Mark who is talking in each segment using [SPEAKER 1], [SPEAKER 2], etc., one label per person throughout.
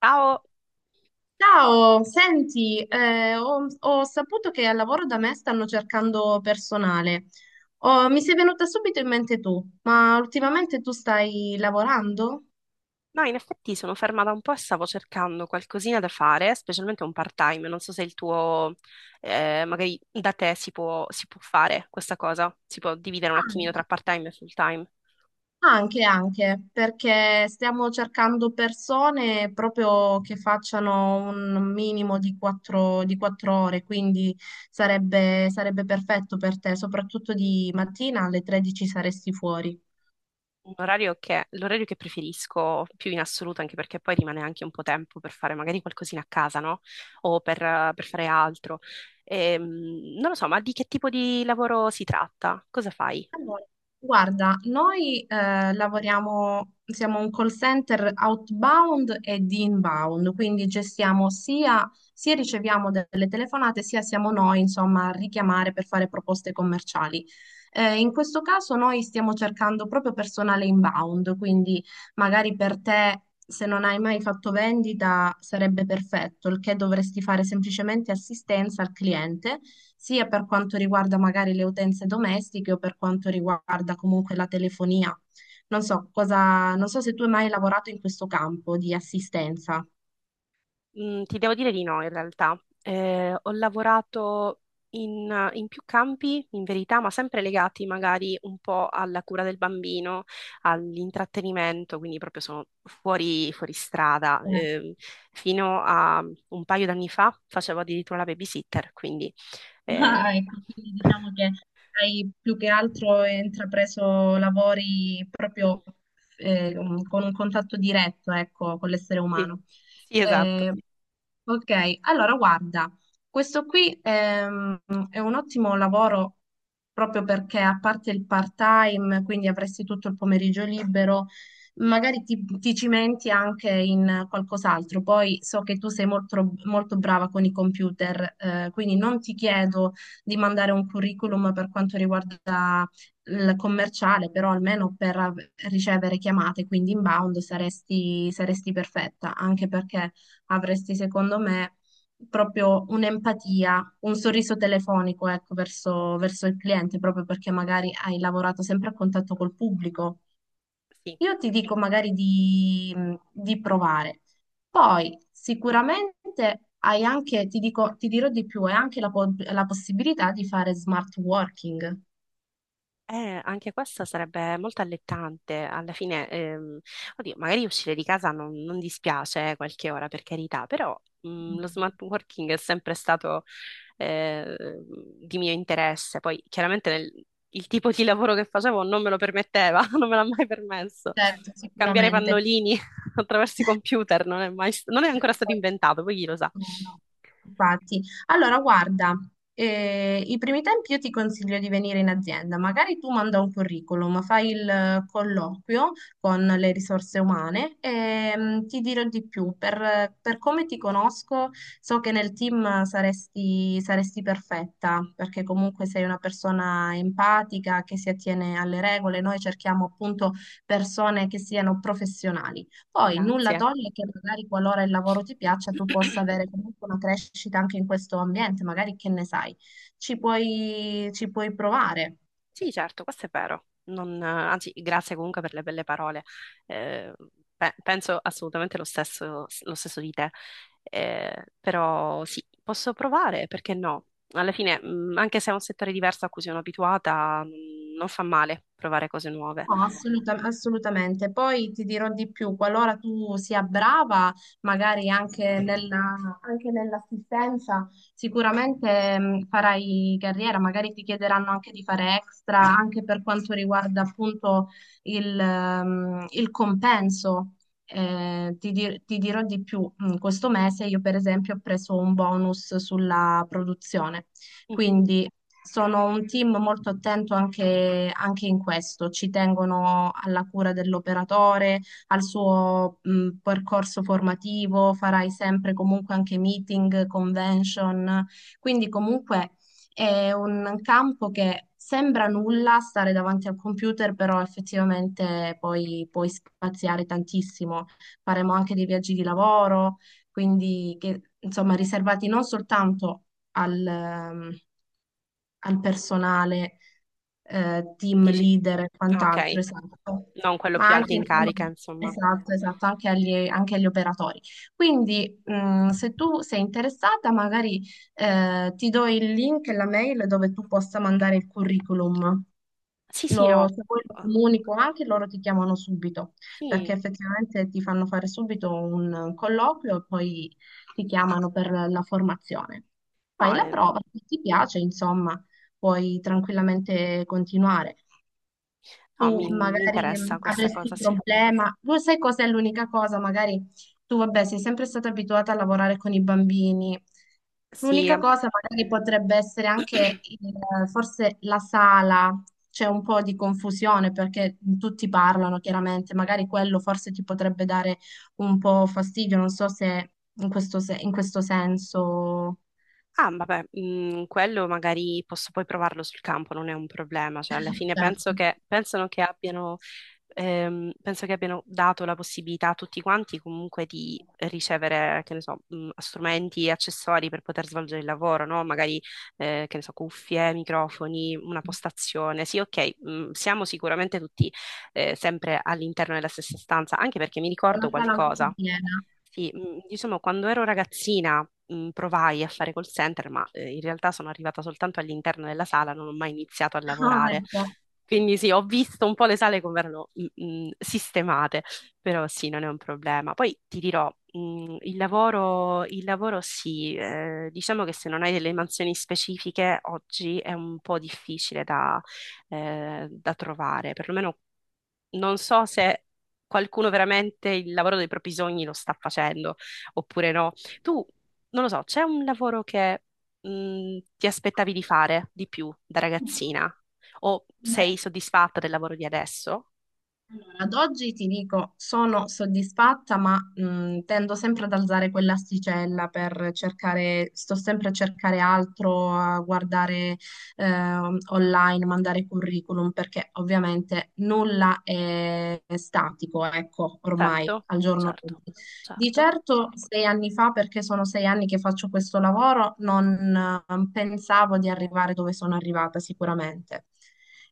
[SPEAKER 1] Ciao!
[SPEAKER 2] Ciao, senti, ho saputo che al lavoro da me stanno cercando personale. Oh, mi sei venuta subito in mente tu, ma ultimamente tu stai lavorando?
[SPEAKER 1] No, in effetti sono fermata un po' e stavo cercando qualcosina da fare, specialmente un part-time. Non so se il tuo, magari da te si può fare questa cosa, si può dividere un attimino
[SPEAKER 2] Anche,
[SPEAKER 1] tra part-time e full-time.
[SPEAKER 2] anche, perché stiamo cercando persone proprio che facciano un minimo di quattro ore, quindi sarebbe perfetto per te, soprattutto di mattina alle 13 saresti fuori.
[SPEAKER 1] L'orario che preferisco più in assoluto, anche perché poi rimane anche un po' tempo per fare magari qualcosina a casa, no? O per, per fare altro. Non lo so, ma di che tipo di lavoro si tratta? Cosa fai?
[SPEAKER 2] Allora, guarda, noi lavoriamo, siamo un call center outbound e di inbound, quindi gestiamo sia riceviamo delle telefonate, sia siamo noi, insomma, a richiamare per fare proposte commerciali. In questo caso noi stiamo cercando proprio personale inbound, quindi magari per te, se non hai mai fatto vendita, sarebbe perfetto, il che dovresti fare semplicemente assistenza al cliente, sia per quanto riguarda magari le utenze domestiche o per quanto riguarda comunque la telefonia. Non so cosa, non so se tu hai mai lavorato in questo campo di assistenza.
[SPEAKER 1] Mm, ti devo dire di no, in realtà. Ho lavorato in più campi, in verità, ma sempre legati magari un po' alla cura del bambino, all'intrattenimento, quindi proprio sono fuori strada. Fino a un paio d'anni fa facevo addirittura la babysitter, quindi eh,
[SPEAKER 2] Ah, ecco, quindi diciamo che hai più che altro intrapreso lavori proprio eh, con un contatto diretto, ecco, con l'essere
[SPEAKER 1] sì,
[SPEAKER 2] umano.
[SPEAKER 1] sì, esatto.
[SPEAKER 2] Eh, ok, allora guarda, questo qui è un ottimo lavoro proprio perché a parte il part-time, quindi avresti tutto il pomeriggio libero, magari ti cimenti anche in qualcos'altro. Poi so che tu sei molto, molto brava con i computer, quindi non ti chiedo di mandare un curriculum per quanto riguarda il commerciale, però almeno per ricevere chiamate, quindi inbound saresti perfetta, anche perché avresti, secondo me, proprio un'empatia, un sorriso telefonico, ecco, verso il cliente, proprio perché magari hai lavorato sempre a contatto col pubblico.
[SPEAKER 1] Sì.
[SPEAKER 2] Io ti dico magari di provare. Poi sicuramente hai anche, ti dico, ti dirò di più, hai anche la possibilità di fare smart working.
[SPEAKER 1] Anche questa sarebbe molto allettante. Alla fine, oddio, magari uscire di casa non dispiace qualche ora, per carità, però lo smart working è sempre stato eh, di mio interesse. Poi, chiaramente, il tipo di lavoro che facevo non me lo permetteva, non me l'ha mai permesso.
[SPEAKER 2] Certo,
[SPEAKER 1] Cambiare
[SPEAKER 2] sicuramente.
[SPEAKER 1] pannolini attraverso i computer non è ancora stato inventato, poi chi lo sa.
[SPEAKER 2] No, no, infatti. Allora, guarda, i primi tempi io ti consiglio di venire in azienda, magari tu manda un curriculum, fai il colloquio con le risorse umane e mm, ti dirò di più, per come ti conosco so che nel team saresti perfetta, perché comunque sei una persona empatica che si attiene alle regole, noi cerchiamo appunto persone che siano professionali. Poi nulla
[SPEAKER 1] Grazie.
[SPEAKER 2] toglie che magari qualora il lavoro ti piaccia, tu possa avere comunque una crescita anche in questo ambiente, magari che ne sai, ci puoi provare.
[SPEAKER 1] Sì, certo, questo è vero. Anzi, grazie comunque per le belle parole. Eh, penso assolutamente lo stesso di te. Però sì, posso provare, perché no? Alla fine, anche se è un settore diverso a cui sono abituata, non fa male provare cose nuove.
[SPEAKER 2] No, assolutamente. Poi ti dirò di più, qualora tu sia brava, magari anche nell'assistenza, sicuramente farai carriera, magari ti chiederanno anche di fare extra, anche per quanto riguarda appunto il compenso. Ti dirò di più, questo mese io per esempio ho preso un bonus sulla produzione.
[SPEAKER 1] Mhm.
[SPEAKER 2] Quindi sono un team molto attento anche in questo, ci tengono alla cura dell'operatore, al suo percorso formativo, farai sempre comunque anche meeting, convention, quindi comunque è un campo che sembra nulla stare davanti al computer, però effettivamente poi puoi spaziare tantissimo. Faremo anche dei viaggi di lavoro, quindi che, insomma riservati non soltanto al, ehm, al personale, team
[SPEAKER 1] Dici,
[SPEAKER 2] leader e quant'altro,
[SPEAKER 1] ok,
[SPEAKER 2] esatto.
[SPEAKER 1] non quello
[SPEAKER 2] Ma
[SPEAKER 1] più alto
[SPEAKER 2] anche,
[SPEAKER 1] in
[SPEAKER 2] insomma,
[SPEAKER 1] carica, insomma.
[SPEAKER 2] esatto, esatto, anche agli operatori. Quindi, se tu sei interessata, magari, ti do il link e la mail dove tu possa mandare il curriculum.
[SPEAKER 1] Sì, sì, no.
[SPEAKER 2] Se poi lo comunico anche, loro ti chiamano subito, perché
[SPEAKER 1] Sì,
[SPEAKER 2] effettivamente ti fanno fare subito un colloquio e poi ti chiamano per la formazione. Fai
[SPEAKER 1] no,
[SPEAKER 2] la prova, se ti piace, insomma, puoi tranquillamente continuare
[SPEAKER 1] no,
[SPEAKER 2] tu
[SPEAKER 1] mi
[SPEAKER 2] magari
[SPEAKER 1] interessa questa
[SPEAKER 2] avresti
[SPEAKER 1] cosa,
[SPEAKER 2] un
[SPEAKER 1] sì.
[SPEAKER 2] problema. Tu sai cos'è l'unica cosa? Magari tu, vabbè, sei sempre stata abituata a lavorare con i bambini.
[SPEAKER 1] Sì.
[SPEAKER 2] L'unica cosa magari potrebbe essere anche forse la sala. C'è un po' di confusione perché tutti parlano chiaramente, magari quello forse ti potrebbe dare un po' fastidio, non so se in questo, in questo senso,
[SPEAKER 1] Ah, vabbè, mm, quello magari posso poi provarlo sul campo, non è un problema. Cioè, alla fine
[SPEAKER 2] certo.
[SPEAKER 1] pensano che abbiano, penso che abbiano dato la possibilità a tutti quanti comunque di ricevere, che ne so, mm, strumenti e accessori per poter svolgere il lavoro, no? Magari, che ne so, cuffie, microfoni, una postazione. Sì, ok, mm, siamo sicuramente tutti, sempre all'interno della stessa stanza, anche perché mi
[SPEAKER 2] È una
[SPEAKER 1] ricordo
[SPEAKER 2] sala molto
[SPEAKER 1] qualcosa.
[SPEAKER 2] piena.
[SPEAKER 1] Sì, diciamo, quando ero ragazzina, provai a fare call center, ma in realtà sono arrivata soltanto all'interno della sala, non ho mai iniziato a
[SPEAKER 2] Ah,
[SPEAKER 1] lavorare.
[SPEAKER 2] ecco.
[SPEAKER 1] Quindi sì, ho visto un po' le sale come erano sistemate, però sì, non è un problema. Poi ti dirò, il lavoro sì, diciamo che se non hai delle mansioni specifiche oggi è un po' difficile da, da trovare, perlomeno non so se qualcuno veramente il lavoro dei propri sogni lo sta facendo oppure no. Tu, non lo so, c'è un lavoro che ti aspettavi di fare di più da ragazzina? O sei soddisfatta del lavoro di adesso?
[SPEAKER 2] Allora, ad oggi ti dico, sono soddisfatta, ma tendo sempre ad alzare quell'asticella per cercare, sto sempre a cercare altro, a guardare online, mandare curriculum, perché ovviamente nulla è statico, ecco, ormai
[SPEAKER 1] Certo,
[SPEAKER 2] al giorno
[SPEAKER 1] certo,
[SPEAKER 2] d'oggi. Di
[SPEAKER 1] certo.
[SPEAKER 2] certo 6 anni fa, perché sono 6 anni che faccio questo lavoro, non pensavo di arrivare dove sono arrivata sicuramente,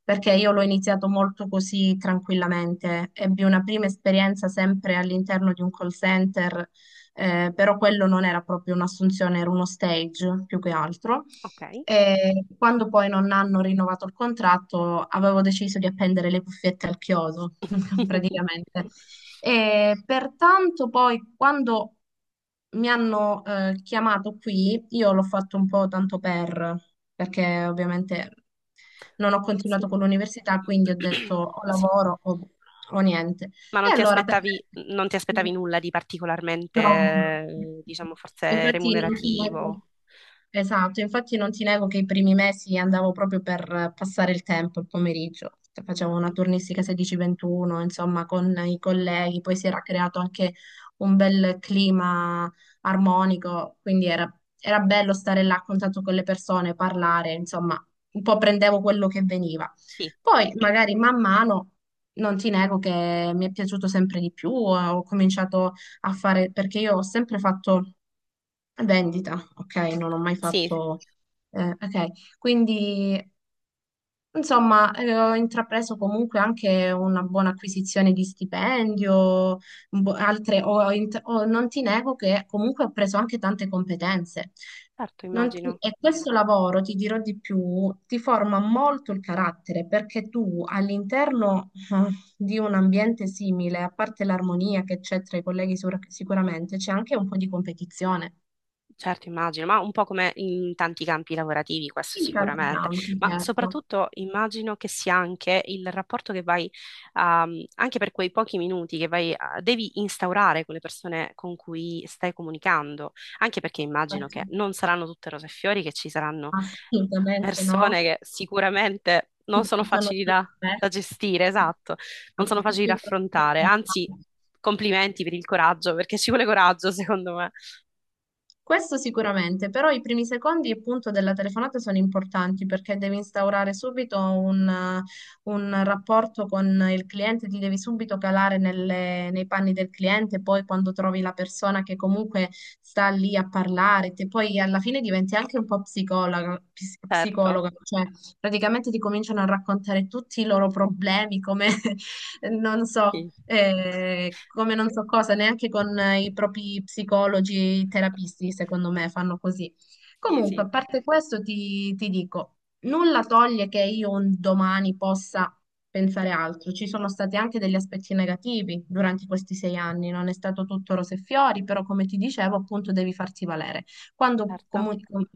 [SPEAKER 2] perché io l'ho iniziato molto così tranquillamente. Ebbi una prima esperienza sempre all'interno di un call center, però quello non era proprio un'assunzione, era uno stage più che altro.
[SPEAKER 1] Ok.
[SPEAKER 2] E quando poi non hanno rinnovato il contratto, avevo deciso di appendere le cuffiette al chiodo, praticamente. E pertanto poi quando mi hanno chiamato qui, io l'ho fatto un po' tanto per, perché ovviamente non ho
[SPEAKER 1] Sì.
[SPEAKER 2] continuato con l'università, quindi ho detto o
[SPEAKER 1] Sì.
[SPEAKER 2] lavoro o niente.
[SPEAKER 1] Ma
[SPEAKER 2] E allora per...
[SPEAKER 1] non ti aspettavi nulla di particolarmente,
[SPEAKER 2] No, no, no,
[SPEAKER 1] diciamo, forse
[SPEAKER 2] infatti non ti nego,
[SPEAKER 1] remunerativo?
[SPEAKER 2] esatto, infatti non ti nego che i primi mesi andavo proprio per passare il tempo, il pomeriggio. Cioè, facevo una turnistica 16-21, insomma, con i colleghi, poi si era creato anche un bel clima armonico, quindi era bello stare là a contatto con le persone, parlare, insomma, un po' prendevo quello che veniva.
[SPEAKER 1] Sì,
[SPEAKER 2] Poi magari man mano, non ti nego che mi è piaciuto sempre di più, ho cominciato a fare, perché io ho sempre fatto vendita, ok? Non ho mai
[SPEAKER 1] sì.
[SPEAKER 2] fatto, ok? Quindi insomma, ho intrapreso comunque anche una buona acquisizione di stipendio, un po' altre, non ti nego che comunque ho preso anche tante competenze.
[SPEAKER 1] Certo,
[SPEAKER 2] Non ti-
[SPEAKER 1] immagino,
[SPEAKER 2] E questo lavoro, ti dirò di più, ti forma molto il carattere perché tu all'interno di un ambiente simile, a parte l'armonia che c'è tra i colleghi sicuramente, c'è anche un po' di competizione.
[SPEAKER 1] certo, immagino, ma un po' come in tanti campi lavorativi, questo
[SPEAKER 2] In tanti
[SPEAKER 1] sicuramente,
[SPEAKER 2] campi,
[SPEAKER 1] ma
[SPEAKER 2] certo.
[SPEAKER 1] soprattutto immagino che sia anche il rapporto che vai, anche per quei pochi minuti che vai, a- devi instaurare con le persone con cui stai comunicando, anche perché immagino che non saranno tutte rose e fiori, che ci saranno
[SPEAKER 2] Assolutamente no.
[SPEAKER 1] persone che sicuramente non sono
[SPEAKER 2] Buttano
[SPEAKER 1] facili
[SPEAKER 2] giù
[SPEAKER 1] da,
[SPEAKER 2] le
[SPEAKER 1] da gestire, esatto, non
[SPEAKER 2] offerte,
[SPEAKER 1] sono
[SPEAKER 2] ti
[SPEAKER 1] facili da
[SPEAKER 2] chiudono le
[SPEAKER 1] affrontare, anzi,
[SPEAKER 2] telefonate.
[SPEAKER 1] complimenti per il coraggio, perché ci vuole coraggio, secondo me.
[SPEAKER 2] Questo sicuramente, però i primi secondi appunto della telefonata sono importanti perché devi instaurare subito un rapporto con il cliente, ti devi subito calare nei panni del cliente, poi quando trovi la persona che comunque sta lì a parlare, poi alla fine diventi anche un po' psicologa,
[SPEAKER 1] Certo,
[SPEAKER 2] psicologa, cioè praticamente ti cominciano a raccontare tutti i loro problemi, come non so,
[SPEAKER 1] sì.
[SPEAKER 2] come non so cosa, neanche con i propri psicologi, terapisti, secondo me, fanno così.
[SPEAKER 1] Sì,
[SPEAKER 2] Comunque,
[SPEAKER 1] sì,
[SPEAKER 2] a parte questo, ti dico, nulla toglie che io un domani possa pensare altro. Ci sono stati anche degli aspetti negativi durante questi 6 anni, non è stato tutto rose e fiori, però come ti dicevo, appunto, devi farti valere. Quando
[SPEAKER 1] certo,
[SPEAKER 2] comunque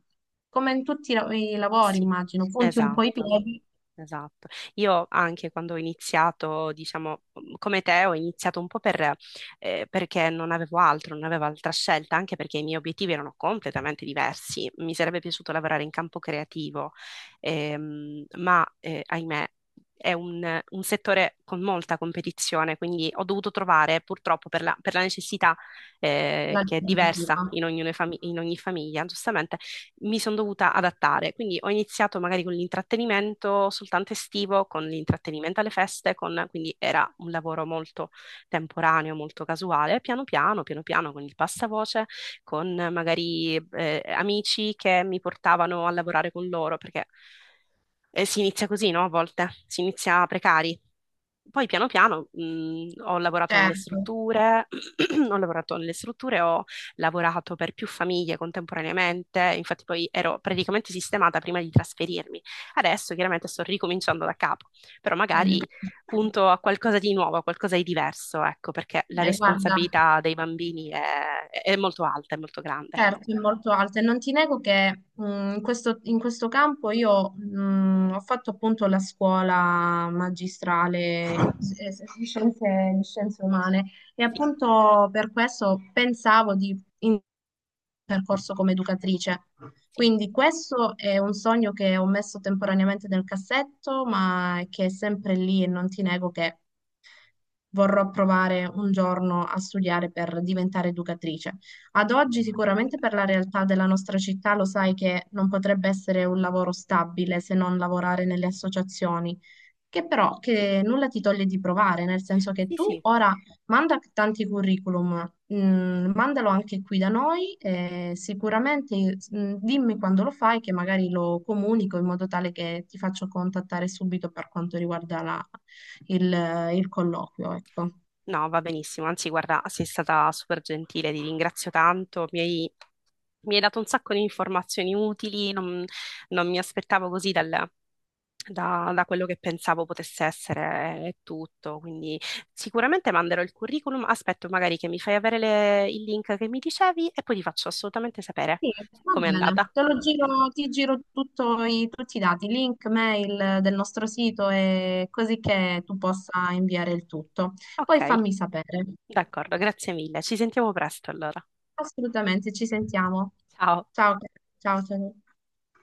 [SPEAKER 2] come in tutti i lavori,
[SPEAKER 1] sì,
[SPEAKER 2] immagino, punti un po' i
[SPEAKER 1] esatto.
[SPEAKER 2] piedi,
[SPEAKER 1] Esatto. Io anche quando ho iniziato, diciamo, mhmm, come te, ho iniziato un po' per, perché non avevo altro, non avevo altra scelta, anche perché i miei obiettivi erano completamente diversi. Mi sarebbe piaciuto lavorare in campo creativo, ma ahimè è un settore con molta competizione, quindi ho dovuto trovare, purtroppo, per la necessità, che è diversa
[SPEAKER 2] l'alternativa.
[SPEAKER 1] in ognuno in ogni famiglia, giustamente mi sono dovuta adattare. Quindi ho iniziato magari con l'intrattenimento soltanto estivo, con l'intrattenimento alle feste, quindi era un lavoro molto temporaneo, molto casuale. Piano piano, piano piano, con il passavoce, con magari amici che mi portavano a lavorare con loro, perché si inizia così, no? A volte si inizia precari. Poi piano piano ho lavorato nelle
[SPEAKER 2] Certo.
[SPEAKER 1] strutture, ho lavorato nelle strutture, ho lavorato per più famiglie contemporaneamente, infatti poi ero praticamente sistemata prima di trasferirmi. Adesso chiaramente sto ricominciando da capo, però magari punto a qualcosa di nuovo, a qualcosa di diverso, ecco, perché la
[SPEAKER 2] Beh, guarda.
[SPEAKER 1] responsabilità dei bambini è molto alta, è molto grande.
[SPEAKER 2] Certo, è molto alta e non ti nego che in questo campo io ho fatto appunto la scuola magistrale di scienze umane e
[SPEAKER 1] Sì,
[SPEAKER 2] appunto per questo pensavo di percorso come educatrice.
[SPEAKER 1] sì.
[SPEAKER 2] Quindi questo è un sogno che ho messo temporaneamente nel cassetto, ma che è sempre lì e non ti nego che vorrò provare un giorno a studiare per diventare educatrice. Ad oggi
[SPEAKER 1] Eh
[SPEAKER 2] sicuramente
[SPEAKER 1] beh.
[SPEAKER 2] per la realtà della nostra città lo sai che non potrebbe essere un lavoro stabile se non lavorare nelle associazioni, che però
[SPEAKER 1] Sì,
[SPEAKER 2] che nulla ti toglie di provare, nel senso che
[SPEAKER 1] sì,
[SPEAKER 2] tu
[SPEAKER 1] sì.
[SPEAKER 2] ora manda tanti curriculum, mandalo anche qui da noi, e sicuramente dimmi quando lo fai che magari lo comunico in modo tale che ti faccio contattare subito per quanto riguarda il, il colloquio, ecco.
[SPEAKER 1] No, va benissimo, anzi guarda, sei stata super gentile, ti ringrazio tanto, mi hai dato un sacco di informazioni utili, non mi aspettavo così da, da quello che pensavo potesse essere tutto, quindi sicuramente manderò il curriculum, aspetto magari che mi fai avere il link che mi dicevi e poi ti faccio assolutamente sapere
[SPEAKER 2] Sì, va
[SPEAKER 1] com'è
[SPEAKER 2] bene,
[SPEAKER 1] andata.
[SPEAKER 2] te lo giro, ti giro tutto tutti i dati, link, mail del nostro sito e così che tu possa inviare il tutto. Poi
[SPEAKER 1] Ok,
[SPEAKER 2] fammi sapere.
[SPEAKER 1] d'accordo, grazie mille, ci sentiamo presto allora.
[SPEAKER 2] Assolutamente, ci sentiamo.
[SPEAKER 1] Ciao.
[SPEAKER 2] Ciao, ciao.